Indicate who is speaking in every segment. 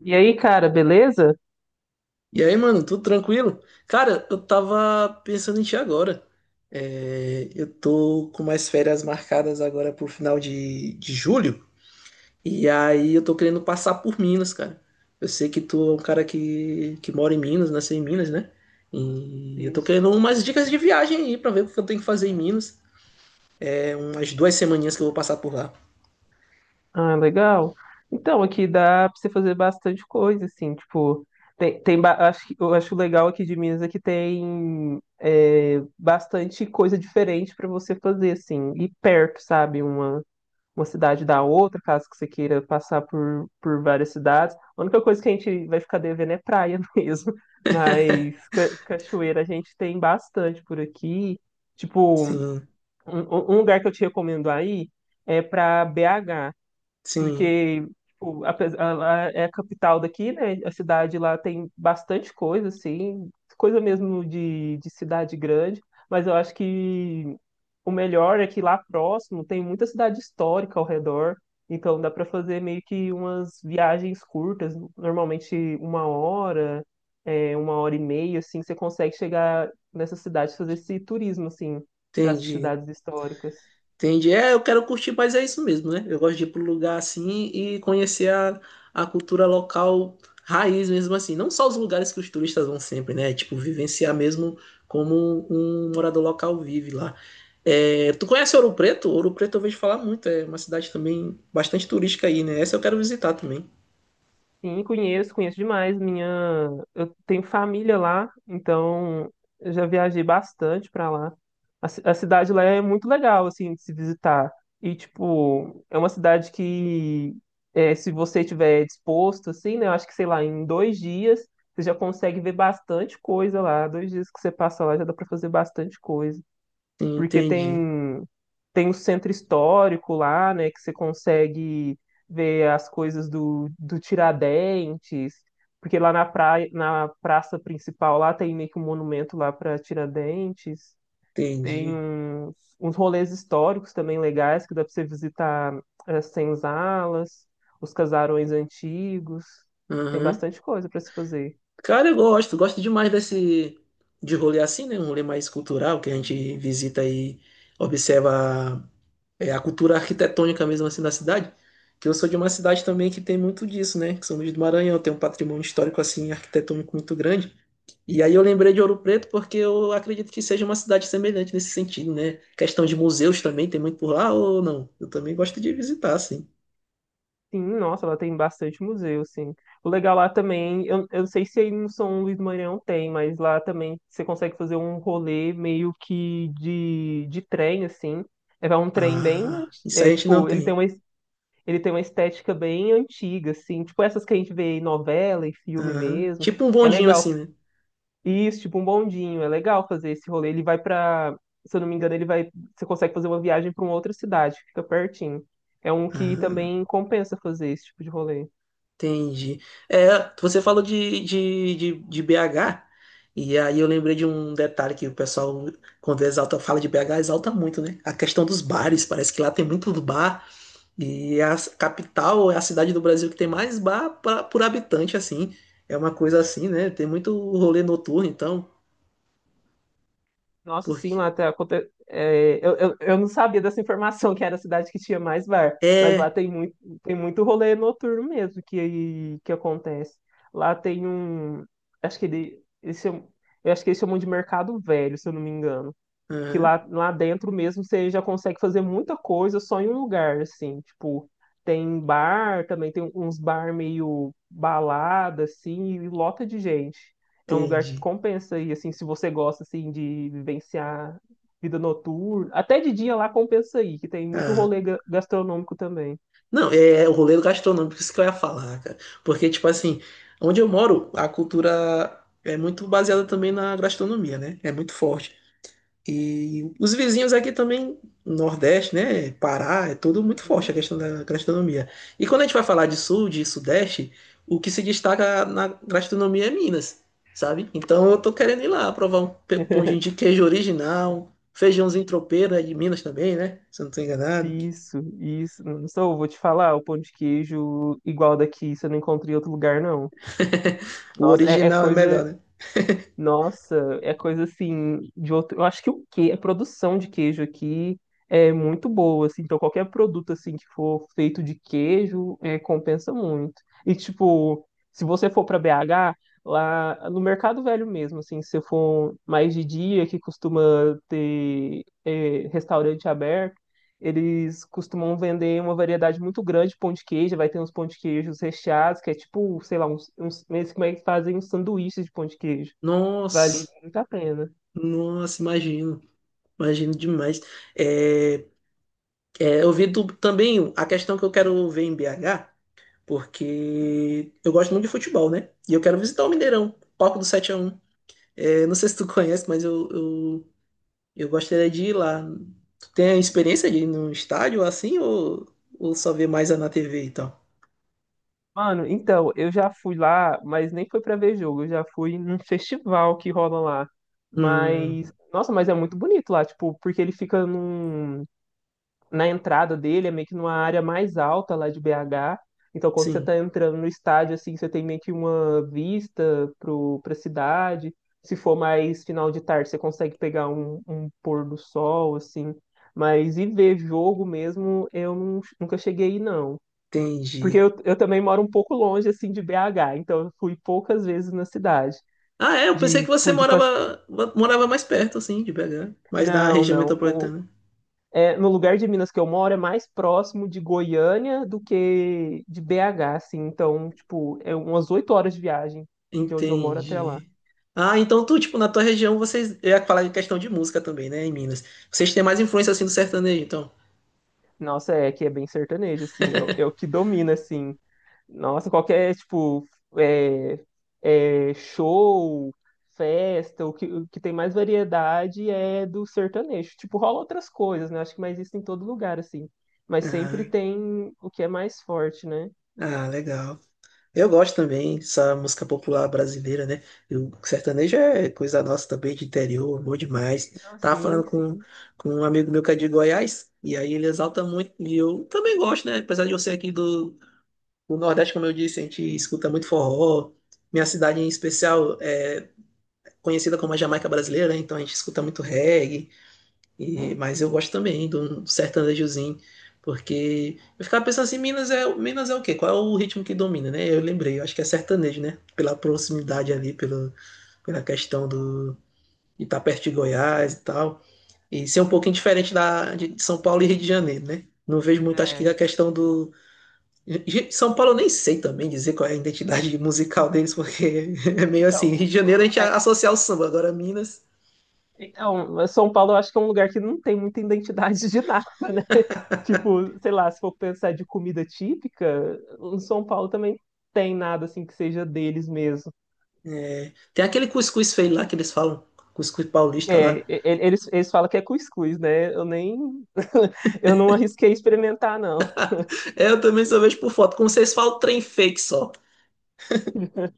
Speaker 1: E aí, cara, beleza?
Speaker 2: E aí, mano, tudo tranquilo? Cara, eu tava pensando em ti agora. É, eu tô com mais férias marcadas agora pro final de julho. E aí eu tô querendo passar por Minas, cara. Eu sei que tu é um cara que mora em Minas, nasceu em Minas, né? E eu tô
Speaker 1: Isso.
Speaker 2: querendo umas dicas de viagem aí pra ver o que eu tenho que fazer em Minas. Umas duas semaninhas que eu vou passar por lá.
Speaker 1: Ah, legal. Então, aqui dá pra você fazer bastante coisa, assim, tipo, tem, tem ba- acho, que- eu acho legal aqui de Minas é que tem bastante coisa diferente pra você fazer, assim, e perto, sabe? Uma cidade da outra, caso que você queira passar por várias cidades. A única coisa que a gente vai ficar devendo é praia mesmo, mas cachoeira a gente tem bastante por aqui. Tipo,
Speaker 2: Sim,
Speaker 1: um lugar que eu te recomendo aí é para BH
Speaker 2: sim,
Speaker 1: porque tipo, ela é a capital daqui, né? A cidade lá tem bastante coisa, assim, coisa mesmo de cidade grande, mas eu acho que o melhor é que lá próximo tem muita cidade histórica ao redor, então dá para fazer meio que umas viagens curtas, normalmente uma hora, uma hora e meia, assim, você consegue chegar nessa cidade, fazer esse turismo, assim, para essas
Speaker 2: entendi.
Speaker 1: cidades históricas.
Speaker 2: Entendi. É, eu quero curtir, mas é isso mesmo, né? Eu gosto de ir para um lugar assim e conhecer a cultura local raiz mesmo assim. Não só os lugares que os turistas vão sempre, né? Tipo, vivenciar mesmo como um morador local vive lá. É, tu conhece Ouro Preto? Ouro Preto eu vejo falar muito, é uma cidade também bastante turística aí, né? Essa eu quero visitar também.
Speaker 1: Sim, conheço, conheço demais. Eu tenho família lá, então eu já viajei bastante pra lá. A cidade lá é muito legal, assim, de se visitar. E, tipo, é uma cidade que, se você estiver disposto, assim, né, eu acho que, sei lá, em 2 dias você já consegue ver bastante coisa lá. Dois dias que você passa lá já dá pra fazer bastante coisa. Porque
Speaker 2: Entendi,
Speaker 1: tem o centro histórico lá, né, que você consegue ver as coisas do Tiradentes, porque lá na praia, na praça principal lá tem meio que um monumento lá para Tiradentes, tem
Speaker 2: entendi.
Speaker 1: uns rolês históricos também legais que dá para você visitar as senzalas, os casarões antigos, tem
Speaker 2: Aham.
Speaker 1: bastante coisa para se fazer.
Speaker 2: Cara, eu gosto, gosto demais desse de rolê assim, né? Um rolê mais cultural que a gente visita e observa a cultura arquitetônica mesmo assim da cidade, que eu sou de uma cidade também que tem muito disso, né? Que São Luís do Maranhão tem um patrimônio histórico assim arquitetônico muito grande. E aí eu lembrei de Ouro Preto porque eu acredito que seja uma cidade semelhante nesse sentido, né? Questão de museus também tem muito por lá ou não? Eu também gosto de visitar, assim.
Speaker 1: Sim, nossa, ela tem bastante museu, sim. O legal lá também, eu não sei se aí no São Luís do Maranhão tem, mas lá também você consegue fazer um rolê meio que de trem, assim. É um trem bem,
Speaker 2: Ah, isso aí a gente não tem.
Speaker 1: ele tem uma estética bem antiga, assim. Tipo essas que a gente vê em novela e filme
Speaker 2: Aham.
Speaker 1: mesmo.
Speaker 2: Tipo um
Speaker 1: É
Speaker 2: bondinho
Speaker 1: legal.
Speaker 2: assim, né?
Speaker 1: Isso, tipo um bondinho, é legal fazer esse rolê. Ele vai pra, se eu não me engano, ele vai, você consegue fazer uma viagem pra uma outra cidade, fica pertinho. É um que
Speaker 2: Aham.
Speaker 1: também compensa fazer esse tipo de rolê.
Speaker 2: Entendi. É, você falou de BH, e aí eu lembrei de um detalhe que o pessoal, quando exalta, fala de BH, exalta muito, né? A questão dos bares, parece que lá tem muito bar, e a capital é a cidade do Brasil que tem mais bar por habitante, assim. É uma coisa assim, né? Tem muito rolê noturno, então,
Speaker 1: Nossa, sim,
Speaker 2: porque.
Speaker 1: lá tá, eu não sabia dessa informação que era a cidade que tinha mais bar, mas lá
Speaker 2: É,
Speaker 1: tem muito rolê noturno mesmo que acontece. Lá tem um, acho que ele, eles chamam- eu acho que eles chamam de Mercado Velho, se eu não me engano que
Speaker 2: aham,
Speaker 1: lá dentro mesmo você já consegue fazer muita coisa só em um lugar, assim, tipo, tem bar, também tem uns bar meio balada, assim, e lota de gente. É um lugar que
Speaker 2: entendi.
Speaker 1: compensa aí assim, se você gosta, assim, de vivenciar vida noturna, até de dia lá compensa aí, que tem muito
Speaker 2: Ah,
Speaker 1: rolê gastronômico também.
Speaker 2: não, é o rolê gastronômico, isso que eu ia falar, cara. Porque, tipo assim, onde eu moro, a cultura é muito baseada também na gastronomia, né? É muito forte. E os vizinhos aqui também, Nordeste, né? Pará, é tudo muito forte
Speaker 1: Uhum.
Speaker 2: a questão da gastronomia. E quando a gente vai falar de Sul, de Sudeste, o que se destaca na gastronomia é Minas, sabe? Então eu tô querendo ir lá provar um pãozinho de queijo original, feijãozinho tropeiro, é de Minas também, né? Se eu não tô enganado.
Speaker 1: Isso, isso. Não sou, eu vou te falar, o pão de queijo igual daqui, você não encontra em outro lugar, não.
Speaker 2: O
Speaker 1: Nossa, é, é
Speaker 2: original é melhor,
Speaker 1: coisa
Speaker 2: né?
Speaker 1: Nossa, é coisa assim de outro. Eu acho que o que a produção de queijo aqui é muito boa, assim. Então qualquer produto assim que for feito de queijo compensa muito. E tipo, se você for para BH lá no Mercado Velho mesmo, assim, se você for mais de dia que costuma ter restaurante aberto, eles costumam vender uma variedade muito grande de pão de queijo. Vai ter uns pão de queijos recheados que é tipo, sei lá, uns eles como é que fazem uns sanduíches de pão de queijo. Vale
Speaker 2: Nossa,
Speaker 1: muito a pena.
Speaker 2: nossa, imagino, imagino demais. É, é, eu vi também a questão que eu quero ver em BH, porque eu gosto muito de futebol, né? E eu quero visitar o Mineirão, palco do Sete x 1. É, não sei se tu conhece, mas eu gostaria de ir lá. Tu tem a experiência de ir num estádio assim, ou só ver mais é na TV e tal?
Speaker 1: Mano, então, eu já fui lá, mas nem foi pra ver jogo, eu já fui num festival que rola lá. Mas,
Speaker 2: Hum,
Speaker 1: nossa, mas é muito bonito lá, tipo, porque ele fica num, na entrada dele, é meio que numa área mais alta lá de BH. Então, quando você
Speaker 2: sim,
Speaker 1: tá entrando no estádio, assim, você tem meio que uma vista pro, pra cidade. Se for mais final de tarde, você consegue pegar um, um pôr do sol, assim. Mas e ver jogo mesmo, eu nunca cheguei aí, não. Porque
Speaker 2: entendi.
Speaker 1: eu também moro um pouco longe, assim, de BH, então eu fui poucas vezes na cidade.
Speaker 2: Ah, é, eu pensei
Speaker 1: De,
Speaker 2: que você
Speaker 1: tipo, de... passe-
Speaker 2: morava mais perto, assim, de BH, mais na
Speaker 1: Não,
Speaker 2: região
Speaker 1: não.
Speaker 2: metropolitana.
Speaker 1: No lugar de Minas que eu moro é mais próximo de Goiânia do que de BH, assim. Então, tipo, é umas 8 horas de viagem de onde eu moro até lá.
Speaker 2: Entendi. Ah, então tu, tipo, na tua região vocês. Eu ia falar em questão de música também, né, em Minas. Vocês têm mais influência assim do sertanejo, então.
Speaker 1: Nossa, é que é bem sertanejo, assim. É, é o que domina, assim. Nossa, qualquer, tipo, é, show, festa, o que tem mais variedade é do sertanejo. Tipo, rola outras coisas, né? Acho que mais isso em todo lugar, assim. Mas sempre
Speaker 2: Ah,
Speaker 1: tem o que é mais forte, né?
Speaker 2: ah, legal. Eu gosto também dessa música popular brasileira, né? E o sertanejo é coisa nossa também, de interior, bom demais.
Speaker 1: Não,
Speaker 2: Tava falando
Speaker 1: sim,
Speaker 2: com,
Speaker 1: sim.
Speaker 2: com um amigo meu que é de Goiás, e aí ele exalta muito, e eu também gosto, né? Apesar de eu ser aqui do Nordeste, como eu disse, a gente escuta muito forró. Minha cidade em especial, é conhecida como a Jamaica brasileira, né? Então a gente escuta muito reggae, mas eu gosto também do sertanejozinho, porque eu ficava pensando assim, Minas é o quê? Qual é o ritmo que domina, né? Eu lembrei, eu acho que é sertanejo, né? Pela proximidade ali, pela questão de estar perto de Goiás e tal, e ser um pouquinho diferente de São Paulo e Rio de Janeiro, né? Não vejo muito, acho que
Speaker 1: É.
Speaker 2: a questão do. São Paulo eu nem sei também dizer qual é a identidade musical deles, porque é meio assim. Rio
Speaker 1: Então,
Speaker 2: de Janeiro a
Speaker 1: hum,
Speaker 2: gente
Speaker 1: é,
Speaker 2: associa ao samba, agora Minas.
Speaker 1: então, mas São Paulo eu acho que é um lugar que não tem muita identidade de nada, né? Tipo, sei lá, se for pensar de comida típica, em São Paulo também tem nada assim que seja deles mesmo.
Speaker 2: Tem aquele cuscuz feio lá que eles falam, cuscuz paulista
Speaker 1: É,
Speaker 2: lá.
Speaker 1: eles, eles falam que é cuscuz, né? Eu nem. Eu não arrisquei experimentar, não.
Speaker 2: É, eu também só vejo por foto, como vocês falam, trem fake só.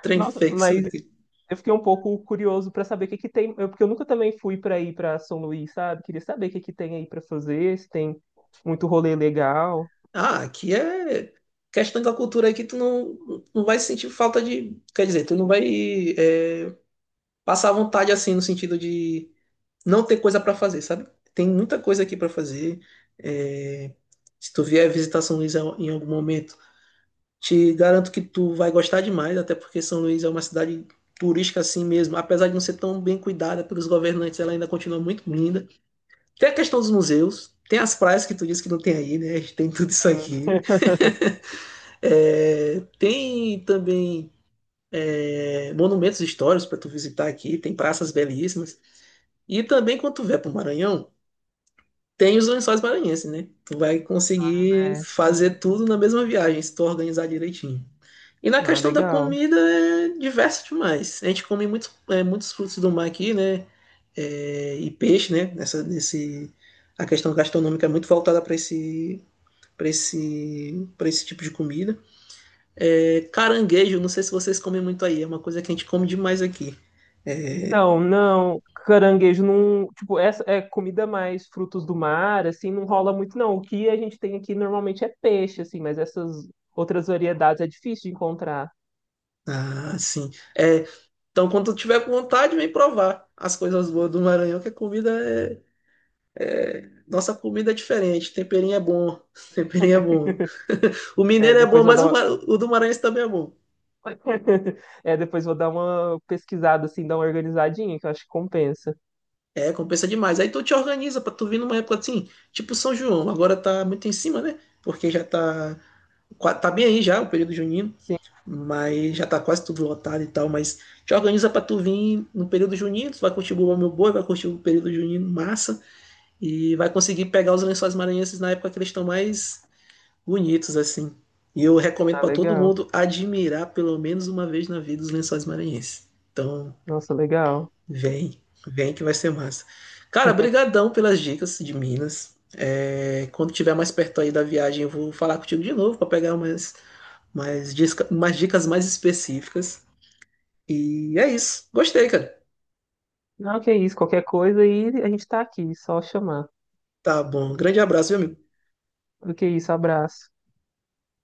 Speaker 2: Trem
Speaker 1: Nossa,
Speaker 2: fake só
Speaker 1: mas
Speaker 2: aqui.
Speaker 1: eu fiquei um pouco curioso para saber o que que tem. Porque eu nunca também fui para ir para São Luís, sabe? Queria saber o que que tem aí para fazer, se tem muito rolê legal.
Speaker 2: Ah, aqui é questão da cultura aí que tu não, não vai sentir falta de. Quer dizer, tu não vai passar vontade assim, no sentido de não ter coisa pra fazer, sabe? Tem muita coisa aqui pra fazer. É, se tu vier visitar São Luís em algum momento, te garanto que tu vai gostar demais, até porque São Luís é uma cidade turística assim mesmo. Apesar de não ser tão bem cuidada pelos governantes, ela ainda continua muito linda. Tem a questão dos museus, tem as praias que tu disse que não tem aí, né? A gente tem tudo isso
Speaker 1: Sim.
Speaker 2: aqui. É, tem também monumentos históricos para tu visitar aqui, tem praças belíssimas. E também quando tu vier para o Maranhão, tem os lençóis maranhenses, né? Tu vai conseguir
Speaker 1: Parece.
Speaker 2: fazer tudo na mesma viagem, se tu organizar direitinho. E na
Speaker 1: Ah,
Speaker 2: questão da
Speaker 1: legal.
Speaker 2: comida é diverso demais. A gente come muitos frutos do mar aqui, né? É, e peixe, né? A questão gastronômica é muito voltada para esse tipo de comida. É, caranguejo, não sei se vocês comem muito aí, é uma coisa que a gente come demais aqui.
Speaker 1: Então, não, caranguejo não, tipo, essa é comida mais frutos do mar, assim, não rola muito não. O que a gente tem aqui normalmente é peixe, assim, mas essas outras variedades é difícil de encontrar.
Speaker 2: Ah, sim. É, então, quando tu tiver com vontade, vem provar as coisas boas do Maranhão, que nossa comida é diferente, temperinho é bom, temperinho é bom. O
Speaker 1: É,
Speaker 2: mineiro é bom,
Speaker 1: depois vou
Speaker 2: mas
Speaker 1: dar uma...
Speaker 2: o do Maranhense também é bom.
Speaker 1: É, depois vou dar uma pesquisada, assim, dar uma organizadinha, que eu acho que compensa.
Speaker 2: É, compensa demais. Aí tu te organiza pra tu vir numa época assim, tipo São João, agora tá muito em cima, né? Porque já tá, tá bem aí já o período junino,
Speaker 1: Sim,
Speaker 2: mas já tá quase tudo lotado e tal, mas te organiza pra tu vir no período junino, tu vai curtir o Bumba Meu Boi, vai curtir o período junino massa e vai conseguir pegar os lençóis maranhenses na época que eles estão mais bonitos assim. E eu recomendo
Speaker 1: tá
Speaker 2: para todo
Speaker 1: legal.
Speaker 2: mundo admirar pelo menos uma vez na vida os Lençóis Maranhenses. Então,
Speaker 1: Nossa, legal.
Speaker 2: vem, vem que vai ser massa. Cara, brigadão pelas dicas de Minas. É, quando tiver mais perto aí da viagem, eu vou falar contigo de novo para pegar umas dicas mais específicas. E é isso. Gostei, cara.
Speaker 1: Não, que é isso, qualquer coisa aí a gente tá aqui, só chamar.
Speaker 2: Tá bom. Grande abraço, meu amigo.
Speaker 1: Do que isso, abraço.